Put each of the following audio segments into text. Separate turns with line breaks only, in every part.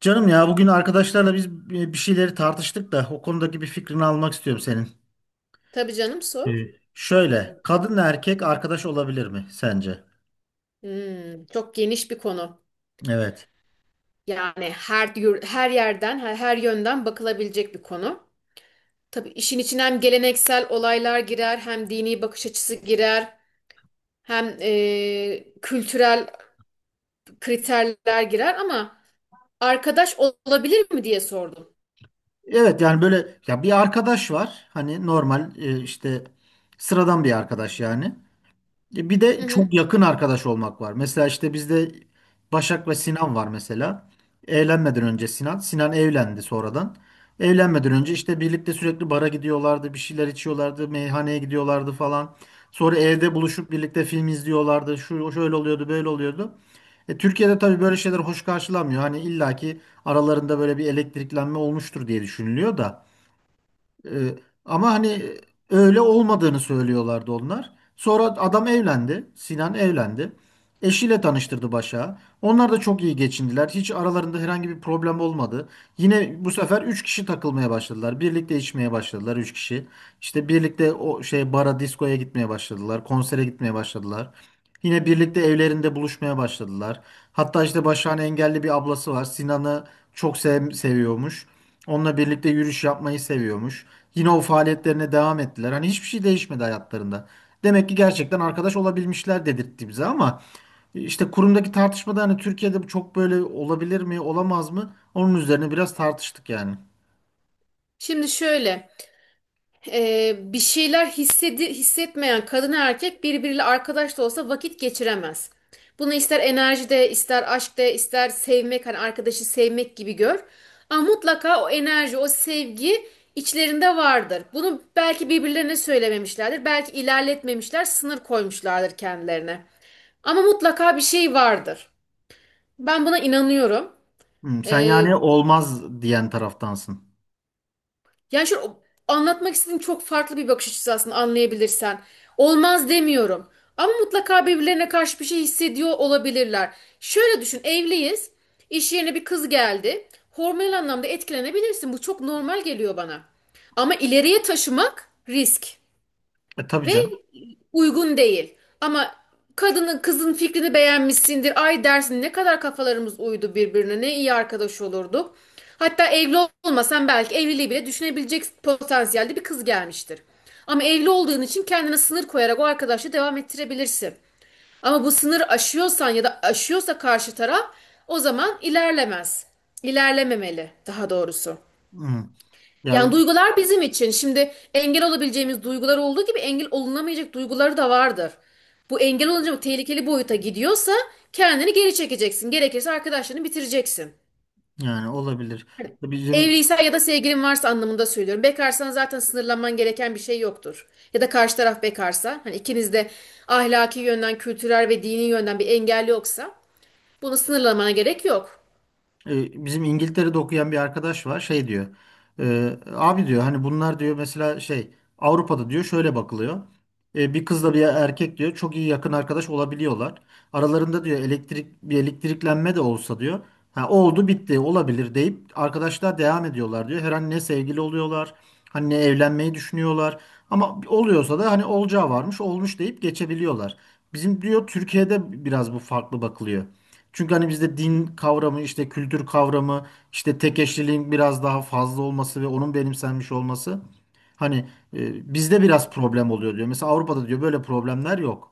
Canım ya bugün arkadaşlarla biz bir şeyleri tartıştık da o konudaki bir fikrini almak istiyorum senin.
Tabii canım
Ee,
sor.
Şöyle kadınla erkek arkadaş olabilir mi sence?
Hmm, çok geniş bir konu.
Evet.
Yani her yerden, her yönden bakılabilecek bir konu. Tabii işin içine hem geleneksel olaylar girer, hem dini bakış açısı girer, hem kültürel kriterler girer ama arkadaş olabilir mi diye sordum.
Evet, yani böyle ya bir arkadaş var, hani normal, işte sıradan bir arkadaş yani. Bir
Hı
de
hı.
çok yakın arkadaş olmak var. Mesela işte bizde Başak ve Sinan var mesela. Evlenmeden önce Sinan. Sinan evlendi sonradan. Evlenmeden önce işte birlikte sürekli bara gidiyorlardı, bir şeyler içiyorlardı, meyhaneye gidiyorlardı falan. Sonra evde buluşup birlikte film izliyorlardı. Şu şöyle oluyordu, böyle oluyordu. Türkiye'de tabii böyle şeyler hoş karşılanmıyor. Hani illaki aralarında böyle bir elektriklenme olmuştur diye düşünülüyor da. Ee, Ama hani öyle olmadığını söylüyorlardı onlar. Sonra adam evlendi. Sinan evlendi. Eşiyle tanıştırdı Başak'ı. Onlar da çok iyi geçindiler. Hiç aralarında herhangi bir problem olmadı. Yine bu sefer 3 kişi takılmaya başladılar. Birlikte içmeye başladılar 3 kişi. İşte birlikte o şey bara, diskoya gitmeye başladılar. Konsere gitmeye başladılar. Yine birlikte evlerinde buluşmaya başladılar. Hatta işte Başak'ın engelli bir ablası var. Sinan'ı çok seviyormuş. Onunla birlikte yürüyüş yapmayı seviyormuş. Yine o faaliyetlerine devam ettiler. Hani hiçbir şey değişmedi hayatlarında. Demek ki gerçekten arkadaş olabilmişler dedirtti bize, ama işte kurumdaki tartışmada hani Türkiye'de bu çok böyle olabilir mi, olamaz mı? Onun üzerine biraz tartıştık yani.
Şimdi şöyle. Bir şeyler hissetmeyen kadın erkek birbiriyle arkadaş da olsa vakit geçiremez. Bunu ister enerjide, ister aşkta, ister sevmek, hani arkadaşı sevmek gibi gör. Ama mutlaka o enerji, o sevgi içlerinde vardır. Bunu belki birbirlerine söylememişlerdir, belki ilerletmemişler, sınır koymuşlardır kendilerine. Ama mutlaka bir şey vardır. Ben buna inanıyorum.
Hmm, sen
E,
yani olmaz diyen taraftansın.
Yani anlatmak istediğim çok farklı bir bakış açısı aslında anlayabilirsen. Olmaz demiyorum. Ama mutlaka birbirlerine karşı bir şey hissediyor olabilirler. Şöyle düşün, evliyiz. İş yerine bir kız geldi. Hormonal anlamda etkilenebilirsin. Bu çok normal geliyor bana. Ama ileriye taşımak risk
E tabii
ve
canım.
uygun değil. Ama kadının kızın fikrini beğenmişsindir. Ay dersin ne kadar kafalarımız uydu birbirine. Ne iyi arkadaş olurduk. Hatta evli olmasan belki evliliği bile düşünebilecek potansiyelde bir kız gelmiştir. Ama evli olduğun için kendine sınır koyarak o arkadaşla devam ettirebilirsin. Ama bu sınır aşıyorsan ya da aşıyorsa karşı taraf o zaman ilerlemez. İlerlememeli daha doğrusu.
Hmm. Ya
Yani duygular bizim için. Şimdi engel olabileceğimiz duygular olduğu gibi engel olunamayacak duyguları da vardır. Bu engel olunca bu tehlikeli boyuta gidiyorsa kendini geri çekeceksin. Gerekirse arkadaşlarını bitireceksin.
yani olabilir. Bizim
Evliysen ya da sevgilin varsa anlamında söylüyorum. Bekarsan zaten sınırlanman gereken bir şey yoktur. Ya da karşı taraf bekarsa, hani ikiniz de ahlaki yönden, kültürel ve dini yönden bir engel yoksa bunu sınırlamana gerek yok.
Bizim İngiltere'de okuyan bir arkadaş var, şey diyor, abi diyor, hani bunlar diyor, mesela şey Avrupa'da diyor şöyle bakılıyor. Bir kızla bir erkek diyor çok iyi yakın arkadaş olabiliyorlar, aralarında diyor elektriklenme de olsa diyor, ha, oldu bitti olabilir deyip arkadaşlar devam ediyorlar diyor, her an ne sevgili oluyorlar hani, ne evlenmeyi düşünüyorlar, ama oluyorsa da hani olacağı varmış olmuş deyip geçebiliyorlar. Bizim diyor Türkiye'de biraz bu farklı bakılıyor. Çünkü hani bizde din kavramı, işte kültür kavramı, işte tek eşliliğin biraz daha fazla olması ve onun benimsenmiş olması hani, bizde biraz problem oluyor diyor. Mesela Avrupa'da diyor böyle problemler yok.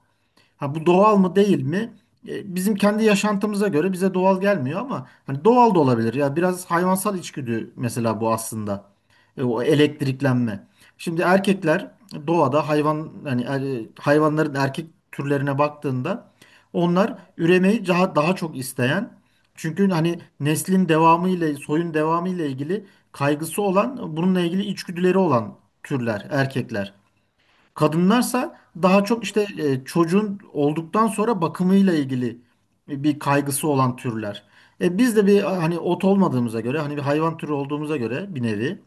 Ha, bu doğal mı değil mi? Bizim kendi yaşantımıza göre bize doğal gelmiyor ama hani doğal da olabilir. Ya biraz hayvansal içgüdü mesela bu aslında. O elektriklenme. Şimdi erkekler doğada hayvan hani hayvanların erkek türlerine baktığında onlar üremeyi daha çok isteyen, çünkü hani neslin devamı ile soyun devamı ile ilgili kaygısı olan, bununla ilgili içgüdüleri olan türler erkekler. Kadınlarsa daha çok işte çocuğun olduktan sonra bakımıyla ilgili bir kaygısı olan türler. Biz de bir hani ot olmadığımıza göre, hani bir hayvan türü olduğumuza göre bir nevi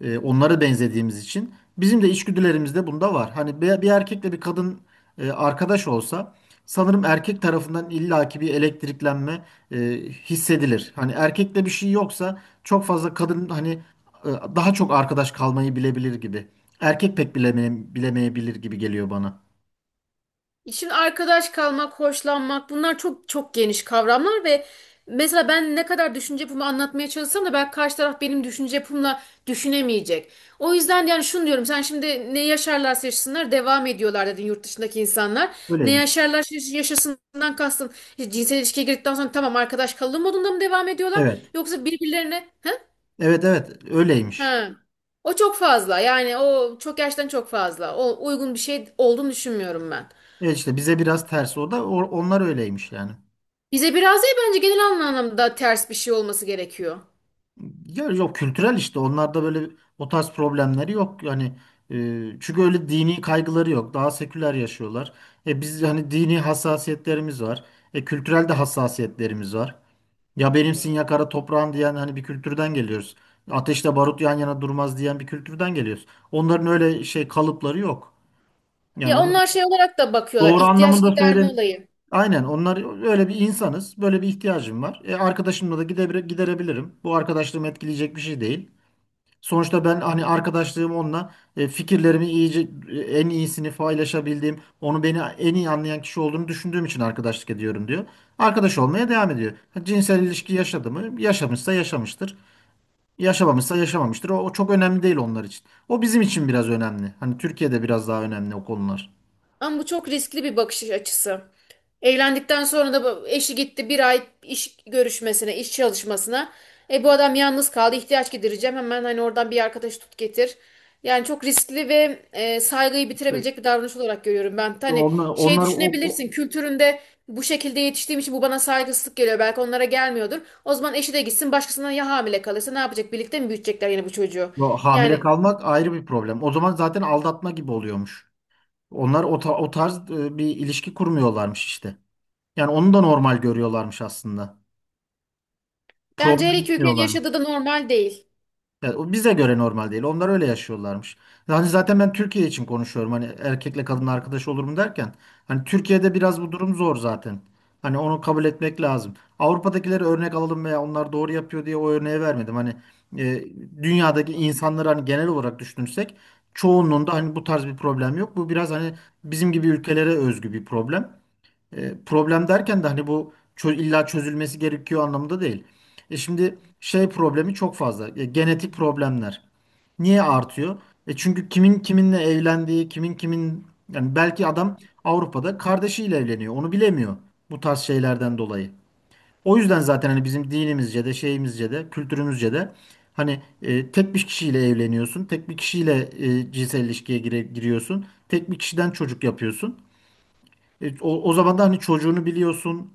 onlara benzediğimiz için bizim de içgüdülerimizde bunda var. Hani bir erkekle bir kadın arkadaş olsa sanırım erkek tarafından illaki bir elektriklenme e, hissedilir. Hani erkekte bir şey yoksa çok fazla kadın hani, e, daha çok arkadaş kalmayı bilebilir gibi. Erkek pek bilemeyebilir gibi geliyor bana.
Şimdi arkadaş kalmak, hoşlanmak bunlar çok geniş kavramlar ve mesela ben ne kadar düşünce yapımı anlatmaya çalışsam da belki karşı taraf benim düşünce yapımla düşünemeyecek. O yüzden yani şunu diyorum sen şimdi ne yaşarlarsa yaşasınlar devam ediyorlar dedin yurt dışındaki insanlar. Ne
Öyleymiş.
yaşarlar yaşasından kastın işte cinsel ilişkiye girdikten sonra tamam arkadaş kalalım modunda mı devam ediyorlar
Evet.
yoksa birbirlerine he?
Evet, evet öyleymiş.
He. O çok fazla yani o çok gerçekten çok fazla. O uygun bir şey olduğunu düşünmüyorum ben.
Evet, işte bize biraz ters o da, onlar öyleymiş yani.
Bize biraz değil bence genel anlamda ters bir şey olması gerekiyor.
Ya yok, kültürel işte onlarda böyle o tarz problemleri yok yani, çünkü öyle dini kaygıları yok, daha seküler yaşıyorlar. E biz hani dini hassasiyetlerimiz var. E kültürel de hassasiyetlerimiz var. Ya benimsin ya kara toprağın diyen hani bir kültürden geliyoruz. Ateşle barut yan yana durmaz diyen bir kültürden geliyoruz. Onların öyle şey kalıpları yok. Yani
Ya
onu
onlar şey olarak da bakıyorlar.
doğru
İhtiyaç
anlamında
giderme
söyle.
olayı.
Aynen, onlar öyle bir insanız. Böyle bir ihtiyacım var. E, arkadaşımla da giderebilirim. Bu arkadaşlığımı etkileyecek bir şey değil. Sonuçta ben hani arkadaşlığım onunla fikirlerimi iyice en iyisini paylaşabildiğim, onu beni en iyi anlayan kişi olduğunu düşündüğüm için arkadaşlık ediyorum diyor. Arkadaş olmaya devam ediyor. Ha, cinsel ilişki yaşadı mı? Yaşamışsa yaşamıştır. Yaşamamışsa yaşamamıştır. O çok önemli değil onlar için. O bizim için biraz önemli. Hani Türkiye'de biraz daha önemli o konular.
Ama bu çok riskli bir bakış açısı. Evlendikten sonra da eşi gitti bir ay iş görüşmesine, iş çalışmasına. E bu adam yalnız kaldı, ihtiyaç gidereceğim. Hemen hani oradan bir arkadaş tut getir. Yani çok riskli ve saygıyı
E,
bitirebilecek bir davranış olarak görüyorum ben. Hani şey
Onlar
düşünebilirsin, kültüründe bu şekilde yetiştiğim için bu bana saygısızlık geliyor. Belki onlara gelmiyordur. O zaman eşi de gitsin, başkasından ya hamile kalırsa ne yapacak? Birlikte mi büyütecekler yine bu çocuğu?
o hamile
Yani
kalmak ayrı bir problem. O zaman zaten aldatma gibi oluyormuş. Onlar o tarz bir ilişki kurmuyorlarmış işte. Yani onu da normal görüyorlarmış aslında.
bence her
Problem
iki ülkenin
diyorlarmış.
yaşadığı da normal değil.
Yani o bize göre normal değil. Onlar öyle yaşıyorlarmış. Yani zaten ben Türkiye için konuşuyorum. Hani erkekle kadın arkadaş olur mu derken. Hani Türkiye'de biraz bu durum zor zaten. Hani onu kabul etmek lazım. Avrupa'dakileri örnek alalım veya onlar doğru yapıyor diye o örneği vermedim. Hani e, dünyadaki insanları hani genel olarak düşünürsek çoğunluğunda hani bu tarz bir problem yok. Bu biraz hani bizim gibi ülkelere özgü bir problem. Problem derken de hani bu illa çözülmesi gerekiyor anlamında değil. E şimdi şey problemi çok fazla. E, genetik problemler. Niye artıyor? E çünkü kimin kiminle evlendiği, kimin kimin, yani belki adam Avrupa'da kardeşiyle evleniyor. Onu bilemiyor bu tarz şeylerden dolayı. O yüzden zaten hani bizim dinimizce de şeyimizce de kültürümüzce de hani, tek bir kişiyle evleniyorsun. Tek bir kişiyle cinsel ilişkiye giriyorsun. Tek bir kişiden çocuk yapıyorsun. O zaman da hani çocuğunu biliyorsun.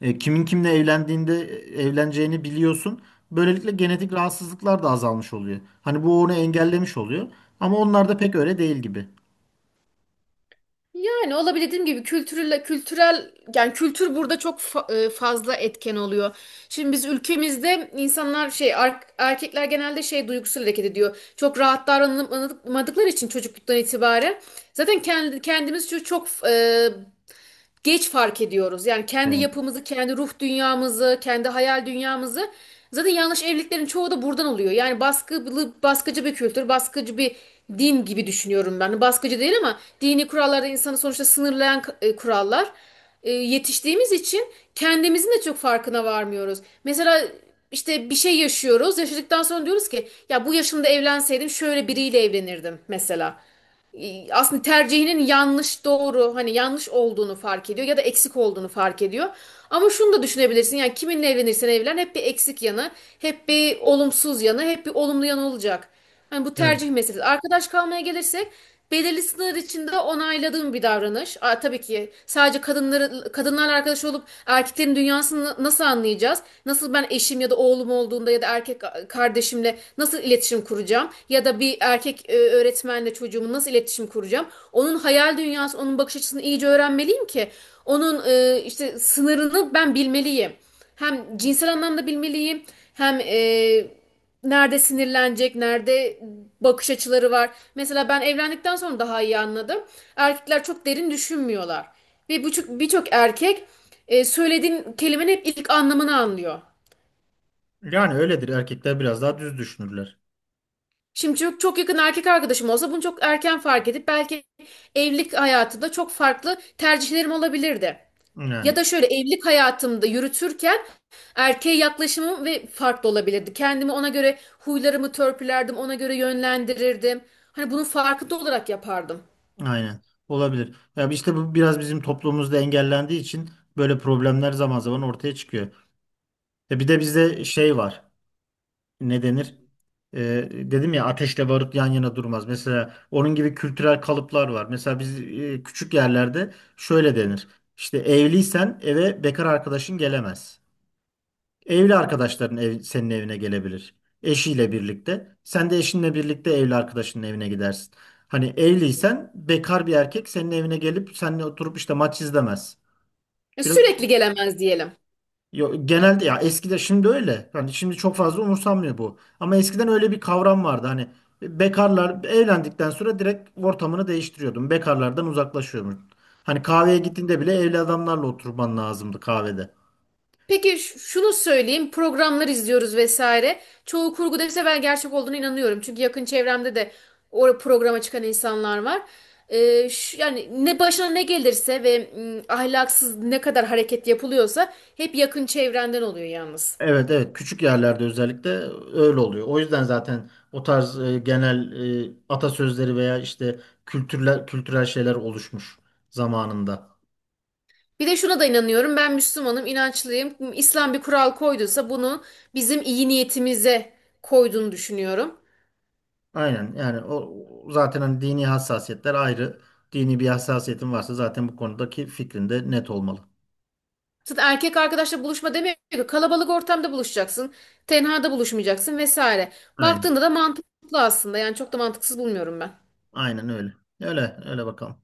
Kimin kimle evlendiğinde evleneceğini biliyorsun. Böylelikle genetik rahatsızlıklar da azalmış oluyor. Hani bu onu engellemiş oluyor. Ama onlar da pek öyle değil gibi.
Yani olabilir dediğim gibi kültürel yani kültür burada fazla etken oluyor. Şimdi biz ülkemizde insanlar erkekler genelde şey duygusal hareket ediyor. Çok rahat davranılmadıkları için çocukluktan itibaren zaten kendi kendimiz çok geç fark ediyoruz. Yani kendi
Evet.
yapımızı, kendi ruh dünyamızı, kendi hayal dünyamızı. Zaten yanlış evliliklerin çoğu da buradan oluyor. Yani baskılı, baskıcı bir kültür, baskıcı bir din gibi düşünüyorum ben. Baskıcı değil ama dini kurallarda insanı sonuçta sınırlayan kurallar. Yetiştiğimiz için kendimizin de çok farkına varmıyoruz. Mesela işte bir şey yaşıyoruz. Yaşadıktan sonra diyoruz ki ya bu yaşımda evlenseydim şöyle biriyle evlenirdim mesela aslında tercihinin yanlış doğru hani yanlış olduğunu fark ediyor ya da eksik olduğunu fark ediyor. Ama şunu da düşünebilirsin yani kiminle evlenirsen evlen hep bir eksik yanı, hep bir olumsuz yanı, hep bir olumlu yanı olacak. Hani bu
Evet.
tercih meselesi. Arkadaş kalmaya gelirsek belirli feministler için de onayladığım bir davranış. Aa, tabii ki sadece kadınları kadınlarla arkadaş olup erkeklerin dünyasını nasıl anlayacağız? Nasıl ben eşim ya da oğlum olduğunda ya da erkek kardeşimle nasıl iletişim kuracağım? Ya da bir erkek öğretmenle çocuğumu nasıl iletişim kuracağım? Onun hayal dünyası, onun bakış açısını iyice öğrenmeliyim ki onun işte sınırını ben bilmeliyim. Hem cinsel anlamda bilmeliyim, hem nerede sinirlenecek, nerede bakış açıları var. Mesela ben evlendikten sonra daha iyi anladım. Erkekler çok derin düşünmüyorlar. Ve birçok erkek söylediğin kelimenin hep ilk anlamını anlıyor.
Yani öyledir. Erkekler biraz daha düz düşünürler.
Şimdi çok yakın erkek arkadaşım olsa bunu çok erken fark edip belki evlilik hayatında çok farklı tercihlerim olabilirdi.
Yani.
Ya da şöyle evlilik hayatımda yürütürken erkeğe yaklaşımım ve farklı olabilirdi. Kendimi ona göre huylarımı törpülerdim, ona göre yönlendirirdim. Hani bunun farkında olarak yapardım.
Aynen. Olabilir. Ya işte bu biraz bizim toplumumuzda engellendiği için böyle problemler zaman zaman ortaya çıkıyor. Ya bir de bizde şey var. Ne denir? Dedim ya, ateşle barut yan yana durmaz. Mesela onun gibi kültürel kalıplar var. Mesela biz küçük yerlerde şöyle denir. İşte evliysen eve bekar arkadaşın gelemez. Evli arkadaşların senin evine gelebilir. Eşiyle birlikte. Sen de eşinle birlikte evli arkadaşının evine gidersin. Hani evliysen bekar bir erkek senin evine gelip seninle oturup işte maç izlemez.
Ya
Biraz,
sürekli gelemez diyelim.
yo, genelde ya eskiden, şimdi öyle. Hani şimdi çok fazla umursanmıyor bu. Ama eskiden öyle bir kavram vardı. Hani bekarlar evlendikten sonra direkt ortamını değiştiriyordun. Bekarlardan uzaklaşıyordun. Hani kahveye gittiğinde bile evli adamlarla oturman lazımdı kahvede.
Peki şunu söyleyeyim. Programlar izliyoruz vesaire. Çoğu kurgu dese ben gerçek olduğuna inanıyorum. Çünkü yakın çevremde de o programa çıkan insanlar var. Yani ne başına ne gelirse ve ahlaksız ne kadar hareket yapılıyorsa hep yakın çevrenden oluyor yalnız.
Evet, evet küçük yerlerde özellikle öyle oluyor. O yüzden zaten o tarz genel atasözleri veya işte kültürel şeyler oluşmuş zamanında.
Bir de şuna da inanıyorum. Ben Müslümanım, inançlıyım. İslam bir kural koyduysa bunu bizim iyi niyetimize koyduğunu düşünüyorum.
Aynen, yani o zaten hani dini hassasiyetler ayrı. Dini bir hassasiyetin varsa zaten bu konudaki fikrin de net olmalı.
Zaten erkek arkadaşla buluşma demiyor ki kalabalık ortamda buluşacaksın. Tenhada buluşmayacaksın vesaire.
Aynen.
Baktığında da mantıklı aslında. Yani çok da mantıksız bulmuyorum ben.
Aynen öyle. Öyle öyle bakalım.